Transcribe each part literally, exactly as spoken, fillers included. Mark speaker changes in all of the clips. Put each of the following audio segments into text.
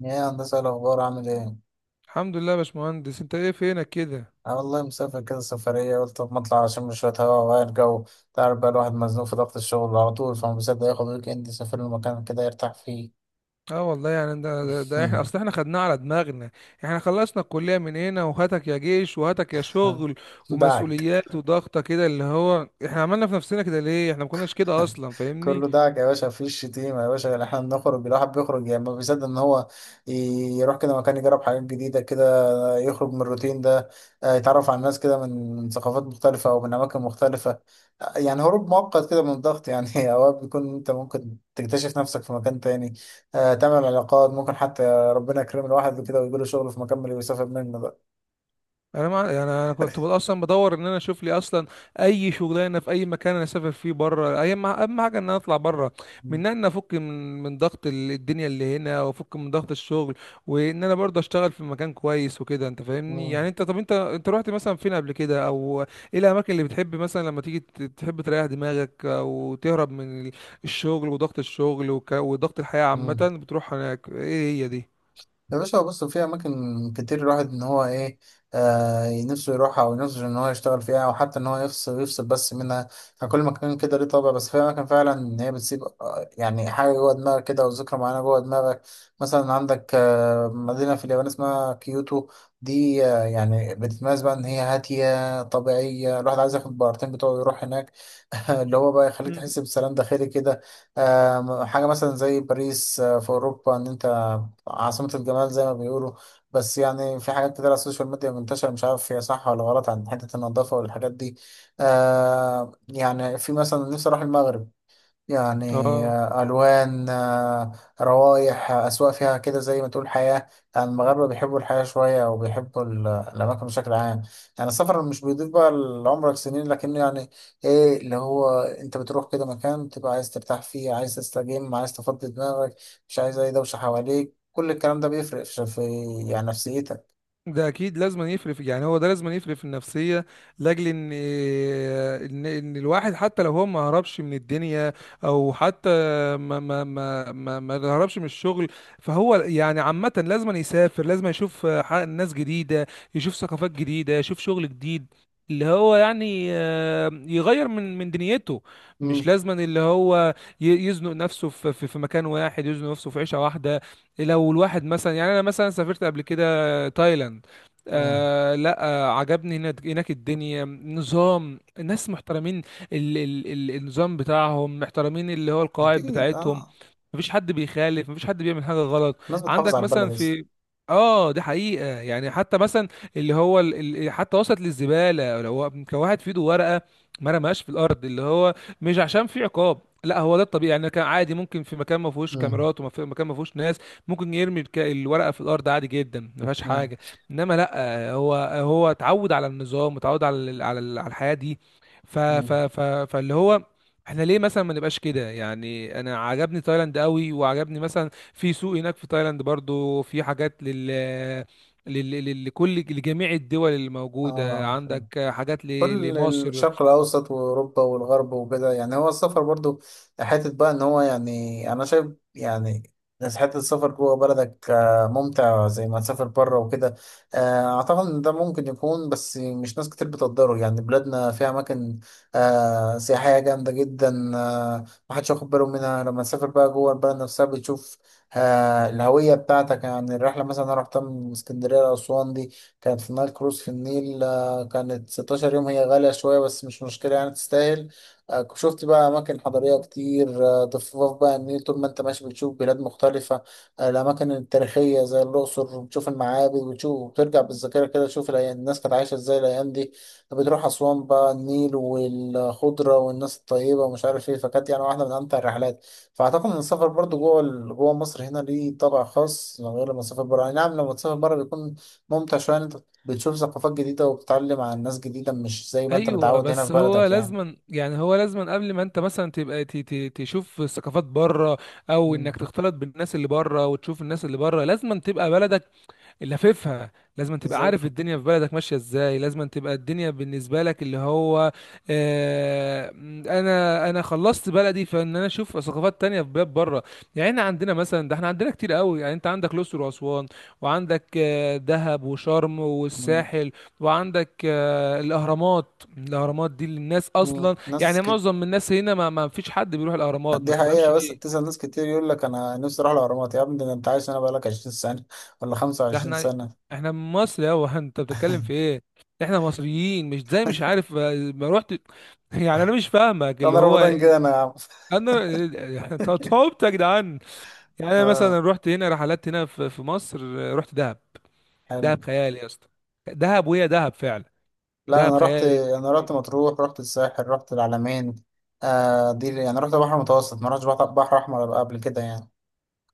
Speaker 1: يا هندسة، إيه الأخبار؟ عامل إيه؟
Speaker 2: الحمد لله يا باشمهندس، انت ايه؟ فينك كده؟
Speaker 1: أنا والله مسافر كده سفرية، قلت طب ما أطلع عشان شوية هوا وأغير جو. تعرف بقى الواحد مزنوق في ضغط الشغل على طول، فما بيصدق ياخد ويك إند يسافر له مكان كده يرتاح فيه.
Speaker 2: اه والله يعني ده, ده, ده احنا
Speaker 1: هم.
Speaker 2: اصل احنا خدناه على دماغنا. احنا خلصنا الكلية من هنا، وهاتك يا جيش وهاتك يا شغل
Speaker 1: دعك.
Speaker 2: ومسؤوليات وضغطة كده اللي هو احنا عملنا في نفسنا كده. ليه احنا ما كناش كده اصلا؟ فاهمني؟
Speaker 1: كله دعك يا باشا، مفيش شتيمة يا باشا. إحنا بنخرج، الواحد بيخرج يعني، ما بيصدق إن هو ي- يروح كده مكان، يجرب حاجات جديدة كده، يخرج من الروتين ده. آه، يتعرف على ناس كده من من ثقافات مختلفة أو من أماكن مختلفة. آه، يعني هروب مؤقت كده من الضغط، يعني أوقات بيكون أنت ممكن تكتشف نفسك في مكان تاني. آه، تعمل علاقات، ممكن حتى ربنا يكرم الواحد كده ويجيله شغل في مكان اللي بيسافر منه بقى.
Speaker 2: انا ما يعني، انا كنت بد- اصلا بدور ان انا اشوف لي اصلا اي شغلانه في اي مكان انا اسافر فيه بره. اي ما اهم حاجه ان انا اطلع بره، من ان انا افك من من ضغط ال- الدنيا اللي هنا، وافك من ضغط الشغل، وان انا برضه اشتغل في مكان كويس وكده. انت فاهمني؟ يعني
Speaker 1: مم.
Speaker 2: انت، طب انت انت رحت مثلا فين قبل كده او ايه الاماكن اللي بتحب مثلا لما تيجي ت- تحب تريح دماغك او تهرب من ال- الشغل وضغط الشغل وك- وضغط الحياه
Speaker 1: مم.
Speaker 2: عامه، بتروح هناك؟ ايه هي دي؟
Speaker 1: يا باشا بص، في أماكن كتير الواحد إن هو إيه، آه نفسه يروحها أو نفسه إن هو يشتغل فيها، أو حتى إن هو يفصل يفصل بس منها. يعني كل مكان كده ليه طابع، بس في أماكن فعلا إن هي بتسيب آه، يعني حاجة جوه دماغك كده، أو ذكرى معينة جوه دماغك. مثلا عندك آه مدينة في اليابان اسمها كيوتو. دي آه يعني بتتميز بقى إن هي هادية طبيعية، الواحد عايز ياخد بارتين بتوعه يروح هناك، اللي هو بقى يخليك
Speaker 2: مم.
Speaker 1: تحس بسلام داخلي كده. آه حاجة مثلا زي باريس، آه في أوروبا، إن أنت آه، عاصمة الجمال زي ما بيقولوا. بس يعني في حاجات كتير على السوشيال ميديا منتشرة، مش عارف هي صح ولا غلط، عن حتة النظافة والحاجات دي. آه يعني في مثلا نفسي أروح المغرب، يعني
Speaker 2: اه،
Speaker 1: آه، ألوان، آه، روائح، آه، أذواق فيها، كده زي ما تقول حياة. يعني المغاربة بيحبوا الحياة شوية، أو بيحبوا ال- الأماكن بشكل عام. يعني السفر مش بيضيف بقى لعمرك سنين، لكنه يعني إيه، اللي هو أنت بتروح كده مكان تبقى عايز ترتاح فيه، عايز تستجم، عايز تفضي دماغك، مش عايز أي دوشة حواليك. كل الكلام ده بيفرق في في- يعني نفسيتك.
Speaker 2: ده اكيد لازم يفرق في- يعني هو ده لازم يفرق في النفسيه، لاجل ان ان ان الواحد حتى لو هو ما هربش من الدنيا، او حتى ما ما ما ما, ما هربش من الشغل، فهو يعني عامه لازم يسافر، لازم يشوف ح- ناس جديده، يشوف ثقافات جديده، يشوف شغل جديد، اللي هو يعني آه، يغير من من دنيته. مش
Speaker 1: مم.
Speaker 2: لازما اللي هو ي- يزنق نفسه في في في مكان واحد، يزنق نفسه في عيشه واحده. لو الواحد مثلا، يعني انا مثلا سافرت قبل كده آه، تايلاند.
Speaker 1: مم.
Speaker 2: آه لا آه عجبني هناك. هناك الدنيا نظام، الناس محترمين، ال ال ال النظام بتاعهم محترمين، اللي هو القواعد
Speaker 1: أكيد
Speaker 2: بتاعتهم.
Speaker 1: أه.
Speaker 2: مفيش حد بيخالف، مفيش حد بيعمل حاجه غلط.
Speaker 1: الناس بتحافظ
Speaker 2: عندك
Speaker 1: على
Speaker 2: مثلا
Speaker 1: البلد أصلا.
Speaker 2: في، اه دي حقيقه، يعني حتى مثلا اللي هو ال... ال- حتى وصلت للزباله، لو هو كان واحد في ايده ورقه ما رماهاش في الارض، اللي هو مش عشان في عقاب، لا، هو ده الطبيعي. يعني كان عادي، ممكن في مكان ما فيهوش
Speaker 1: مم.
Speaker 2: كاميرات وما في مكان ما فيهوش ناس، ممكن يرمي الك- الورقه في الارض عادي جدا، ما فيهاش
Speaker 1: مم.
Speaker 2: حاجه. انما لا، هو هو اتعود على النظام، اتعود على ال- على ال- على الحياه دي. ف ف
Speaker 1: مم.
Speaker 2: ف فاللي هو احنا ليه مثلا ما نبقاش كده؟ يعني انا عجبني تايلاند قوي، وعجبني مثلا في سوق هناك في تايلاند، برضو في حاجات لل، لل... لل- لكل، لجميع الدول اللي موجودة
Speaker 1: اه،
Speaker 2: عندك، حاجات ل...
Speaker 1: كل
Speaker 2: لمصر.
Speaker 1: الشرق الأوسط وأوروبا والغرب وكده. يعني هو السفر برضو حتة بقى إن هو، يعني أنا شايف يعني، بس حتة السفر جوه بلدك آه، ممتع زي ما تسافر بره وكده. آه، أعتقد إن ده ممكن يكون، بس مش ناس كتير بتقدره. يعني بلادنا فيها أماكن آه، سياحية جامدة جدا، آه، محدش واخد باله منها. لما تسافر بقى جوه البلد نفسها، بتشوف آه، الهوية بتاعتك. يعني الرحلة مثلا أنا رحتها من اسكندرية لأسوان، دي كانت في نايل كروز في النيل. آه، كانت 16 يوم، هي غالية شوية بس مش مشكلة يعني، تستاهل. آه، شفت بقى أماكن حضارية كتير، آه، ضفاف بقى النيل، طول ما أنت ماشي بتشوف بلاد مختلفة. آه، الأماكن التاريخية زي الأقصر، بتشوف المعابد وتشوف وترجع بالذاكرة كده، تشوف الأيام- الناس كانت عايشة إزاي الأيام دي. بتروح أسوان بقى، النيل والخضرة والناس الطيبة ومش عارف إيه، فكانت يعني واحدة من أمتع الرحلات. فأعتقد إن السفر برضو جوه ال- جوه مصر هنا ليه طابع خاص، غير لما تسافر بره. يعني نعم لما تسافر بره بيكون ممتع شوية، إن أنت بتشوف ثقافات جديدة وبتتعلم عن ناس جديدة، مش زي ما انت
Speaker 2: ايوه،
Speaker 1: متعود هنا في
Speaker 2: بس هو
Speaker 1: بلدك يعني.
Speaker 2: لازما، يعني هو لازما قبل ما انت مثلا تبقى ت... ت... تشوف ثقافات بره، او
Speaker 1: مم.
Speaker 2: انك تختلط بالناس اللي بره وتشوف الناس اللي بره، لازما تبقى بلدك لففها، لازم تبقى
Speaker 1: بالظبط.
Speaker 2: عارف الدنيا في بلدك ماشية ازاي، لازم تبقى الدنيا بالنسبة لك اللي هو آه، انا انا خلصت بلدي فان انا اشوف ثقافات تانية في بلاد بره. يعني احنا عندنا مثلا، ده احنا عندنا كتير قوي. يعني انت عندك الاقصر واسوان، وعندك آه، دهب وشرم
Speaker 1: مم.
Speaker 2: والساحل، وعندك آه، الاهرامات. الاهرامات دي للناس
Speaker 1: مم.
Speaker 2: اصلا،
Speaker 1: ناس
Speaker 2: يعني
Speaker 1: كت...
Speaker 2: معظم الناس هنا، ما ما فيش حد بيروح الاهرامات، ما
Speaker 1: دي
Speaker 2: تفهمش
Speaker 1: حقيقة، بس
Speaker 2: ليه.
Speaker 1: تسأل ناس كتير يقول لك أنا نفسي أروح الأهرامات. يا ابني ده أنت عايش هنا بقالك 20 سنة ولا
Speaker 2: ده
Speaker 1: 25
Speaker 2: احنا،
Speaker 1: سنة.
Speaker 2: احنا من مصر! يا هو انت بتتكلم في ايه؟ احنا مصريين، مش زي مش عارف آه، ما رحت يعني، انا مش فاهمك اللي
Speaker 1: أنا
Speaker 2: هو
Speaker 1: رمضان جه أنا يا عم.
Speaker 2: انا. احنا صعبت يا جدعان. يعني انا مثلا
Speaker 1: آه،
Speaker 2: رحت هنا رحلات هنا في في مصر، آه، رحت دهب.
Speaker 1: حلو.
Speaker 2: دهب خيال يا اسطى! دهب، وهي دهب فعلا.
Speaker 1: لا
Speaker 2: دهب
Speaker 1: أنا رحت
Speaker 2: خيال.
Speaker 1: أنا رحت مطروح، رحت الساحل، رحت العلمين. آه دي يعني رحت بحر متوسط، ما رحتش بحر بحر أحمر قبل كده يعني.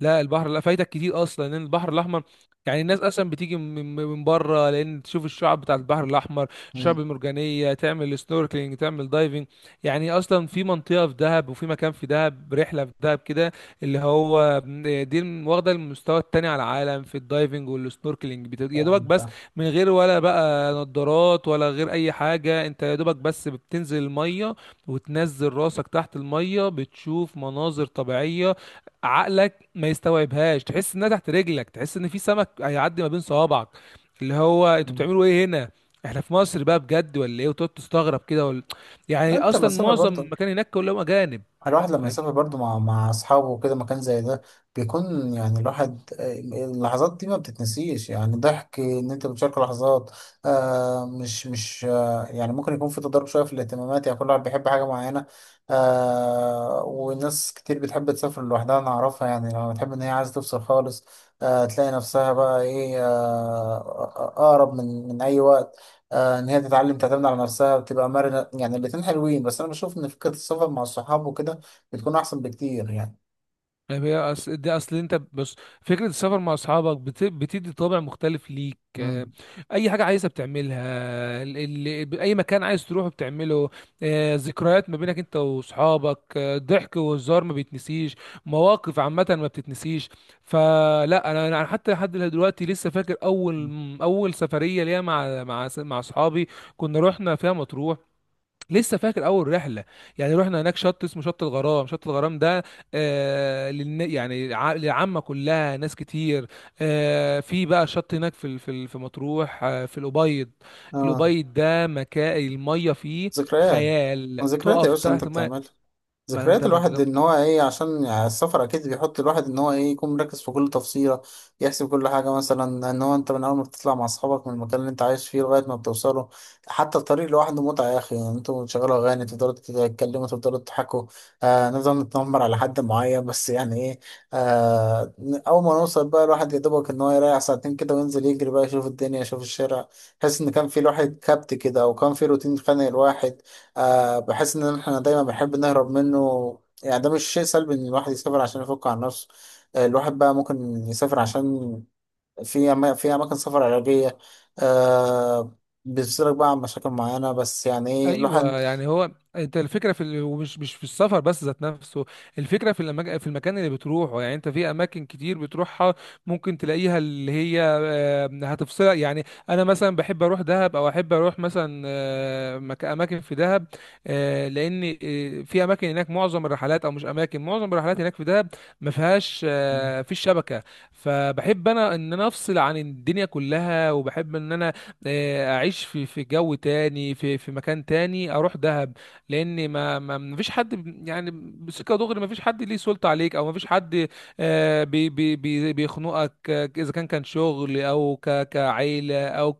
Speaker 2: لا البحر، لا، فايتك كتير اصلا، لان البحر الاحمر، يعني الناس اصلا بتيجي من من بره لان تشوف الشعب بتاع البحر الاحمر، الشعب
Speaker 1: مم.
Speaker 2: المرجانيه، تعمل سنوركلينج، تعمل دايفنج. يعني اصلا في منطقه في دهب، وفي مكان في دهب، رحله في دهب كده اللي هو، دي واخده المستوى التاني على العالم في الدايفنج والسنوركلينج. بت- يا دوبك
Speaker 1: كلام
Speaker 2: بس
Speaker 1: ده.
Speaker 2: من غير ولا بقى نظارات ولا غير اي حاجه، انت يا دوبك بس بتنزل الميه وتنزل راسك تحت الميه، بتشوف مناظر طبيعيه عقلك ما يستوعبهاش. تحس انها تحت رجلك، تحس ان في سمك هيعدي ما بين صوابعك، اللي هو انتوا
Speaker 1: مم.
Speaker 2: بتعملوا ايه هنا؟ احنا في مصر بقى بجد ولا ايه؟ وتقعد تستغرب كده ولا،
Speaker 1: لا
Speaker 2: يعني
Speaker 1: أنت
Speaker 2: اصلا
Speaker 1: مسافر
Speaker 2: معظم
Speaker 1: برضه،
Speaker 2: المكان هناك كلهم اجانب.
Speaker 1: الواحد لما يسافر برضه مع مع أصحابه وكده مكان زي ده، بيكون يعني الواحد، آه، اللحظات دي ما بتتنسيش. يعني ضحك، إن أنت بتشارك لحظات. آه مش مش آه يعني ممكن يكون في تضارب شوية في الاهتمامات، يعني كل واحد بيحب حاجة معينة. آه وناس كتير بتحب تسافر لوحدها، أنا أعرفها يعني. لما بتحب إن هي عايزة تفصل خالص، آه تلاقي نفسها بقى إيه، آه أقرب من من أي وقت. آه، ان هي تتعلم تعتمد على نفسها وتبقى مرنه. يعني الاتنين حلوين، بس انا بشوف ان فكره السفر مع الصحاب وكده بتكون احسن بكتير يعني.
Speaker 2: يعني هي أص... دي اصل، انت بص، فكره السفر مع اصحابك بت... بتدي طابع مختلف ليك. آه،
Speaker 1: امم
Speaker 2: اي حاجه عايزها بتعملها، ال... ال... اي مكان عايز تروحه بتعمله، آه، ذكريات ما بينك انت واصحابك، آه، ضحك وهزار ما بيتنسيش، مواقف عامه ما بتتنسيش. فلا، انا، انا حتى لحد دلوقتي لسه فاكر اول اول سفريه ليا مع مع مع اصحابي، كنا رحنا فيها مطروح. لسه فاكر اول رحله. يعني رحنا هناك شط اسمه شط الغرام. شط الغرام ده آه للن... يعني ع- للعامه كلها، ناس كتير. آه في بقى شط هناك في ال- في ال- في مطروح، آه في الابيض.
Speaker 1: اه،
Speaker 2: الابيض ده مكان الميه فيه
Speaker 1: ذكريات.
Speaker 2: خيال،
Speaker 1: ذكريات يا
Speaker 2: تقف
Speaker 1: باشا انت
Speaker 2: تحت الميه.
Speaker 1: بتعمل،
Speaker 2: ما انت
Speaker 1: ذكريات
Speaker 2: ما انت
Speaker 1: الواحد ان هو ايه، عشان يعني السفر اكيد بيحط الواحد ان هو ايه، يكون مركز في كل تفصيله، يحسب كل حاجه مثلا. ان هو انت من اول ما بتطلع مع اصحابك من المكان اللي انت عايش فيه لغايه ما بتوصله، حتى الطريق لوحده متعه يا اخي. يعني انتوا بتشغلوا اغاني، تفضلوا تتكلموا، تفضلوا تضحكوا، آه نفضل نتنمر على حد معين، بس يعني ايه. آه اول ما نوصل بقى الواحد يا دوبك ان هو يريح ساعتين كده، وينزل يجري بقى، يشوف الدنيا، يشوف الشارع، يحس ان كان في الواحد كبت كده، او كان في روتين خانق الواحد، آه بحس ان احنا دايما بنحب نهرب منه. يعني ده مش شيء سلبي ان الواحد يسافر عشان يفك عن نفسه. آه الواحد بقى ممكن يسافر عشان في أما في اماكن سفر علاجية، آه بيفصلك بقى عن مشاكل معينة، بس يعني ايه الواحد.
Speaker 2: ايوه، يعني هو، انت الفكره في ال... ومش مش في السفر بس ذات نفسه، الفكره في المج... في المكان اللي بتروحه. يعني انت في اماكن كتير بتروحها ممكن تلاقيها، اللي هي آه، هتفصلك يعني. انا مثلا بحب اروح دهب، او احب اروح مثلا آه، مك... اماكن في دهب، آه، لان آه، في اماكن هناك معظم الرحلات، او مش اماكن، معظم الرحلات هناك في دهب ما فيهاش
Speaker 1: مم.
Speaker 2: آه، في الشبكه. فبحب انا ان انا افصل عن الدنيا كلها، وبحب ان انا آه، اعيش في في جو تاني، في في مكان تاني، اروح دهب، لان ما ما ما فيش حد ب- يعني بسكه دغري. ما فيش حد ليه سلطه عليك، او ما فيش حد آه، بي بي بي بيخنقك، آه، اذا كان، كان شغل او ك كعيله او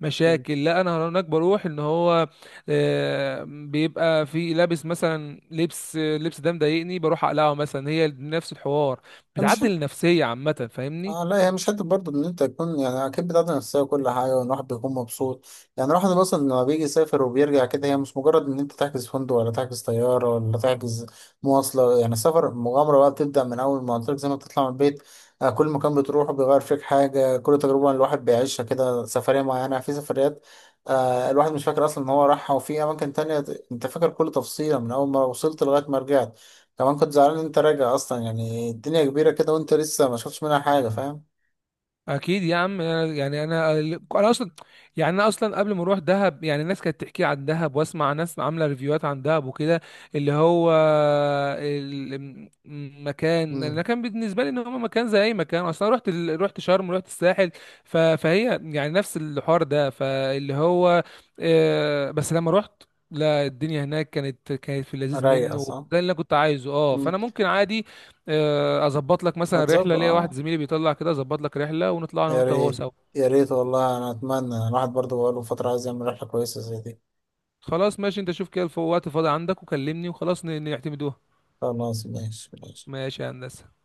Speaker 2: كمشاكل. لا انا هناك بروح ان هو آه، بيبقى في لابس مثلا، لبس، لبس ده مضايقني، بروح اقلعه مثلا، هي نفس الحوار،
Speaker 1: مش
Speaker 2: بتعدل النفسيه عامه. فاهمني؟
Speaker 1: اه لا، هي مش حته برضه ان انت تكون، يعني اكيد بتاعت نفسيه وكل حاجه، وان الواحد بيكون مبسوط. يعني الواحد مثلا لما بيجي يسافر وبيرجع كده، هي مش مجرد ان انت تحجز فندق ولا تحجز طياره ولا تحجز مواصله. يعني السفر مغامره بقى، بتبدا من اول ما قلت لك زي ما بتطلع من البيت. آه، كل مكان بتروحه بيغير فيك حاجه، كل تجربه الواحد بيعيشها كده، سفريه معينه في سفريات آه الواحد مش فاكر اصلا ان هو راحها، وفي اماكن تانية انت فاكر كل تفصيله من اول ما وصلت لغايه ما رجعت، كمان كنت زعلان ان انت راجع اصلا. يعني الدنيا كبيرة كده وانت لسه ما شفتش منها حاجة، فاهم.
Speaker 2: اكيد يا عم. أنا- يعني انا انا اصلا، يعني انا اصلا قبل ما اروح دهب، يعني الناس كانت تحكي عن دهب، واسمع ناس عامله ريفيوهات عن دهب وكده اللي هو، المكان
Speaker 1: امم
Speaker 2: المكان بالنسبه لي ان هو مكان زي اي مكان، اصلا رحت ال... رحت شرم، رحت الساحل، ف... فهي يعني نفس الحوار ده. فاللي هو آه، بس لما رحت، لا، الدنيا هناك كانت، كانت في اللذيذ
Speaker 1: رايقة،
Speaker 2: منه
Speaker 1: صح.
Speaker 2: ده اللي انا كنت عايزه. اه،
Speaker 1: مم.
Speaker 2: فانا ممكن عادي آه، اظبط لك
Speaker 1: ما
Speaker 2: مثلا
Speaker 1: تظبط،
Speaker 2: رحله، ليا واحد
Speaker 1: اه.
Speaker 2: زميلي بيطلع كده، اظبط لك رحله ونطلع انا
Speaker 1: يا
Speaker 2: وانت وهو
Speaker 1: ريت،
Speaker 2: سوا.
Speaker 1: يا ريت والله، انا اتمنى. الواحد برضه بقاله فترة عايز يعمل رحلة كويسة زي دي.
Speaker 2: خلاص، ماشي. انت شوف كده الف- وقت فاضي عندك وكلمني، وخلاص ن- نعتمدوها.
Speaker 1: خلاص ماشي، ماشي.
Speaker 2: ماشي يا هندسه.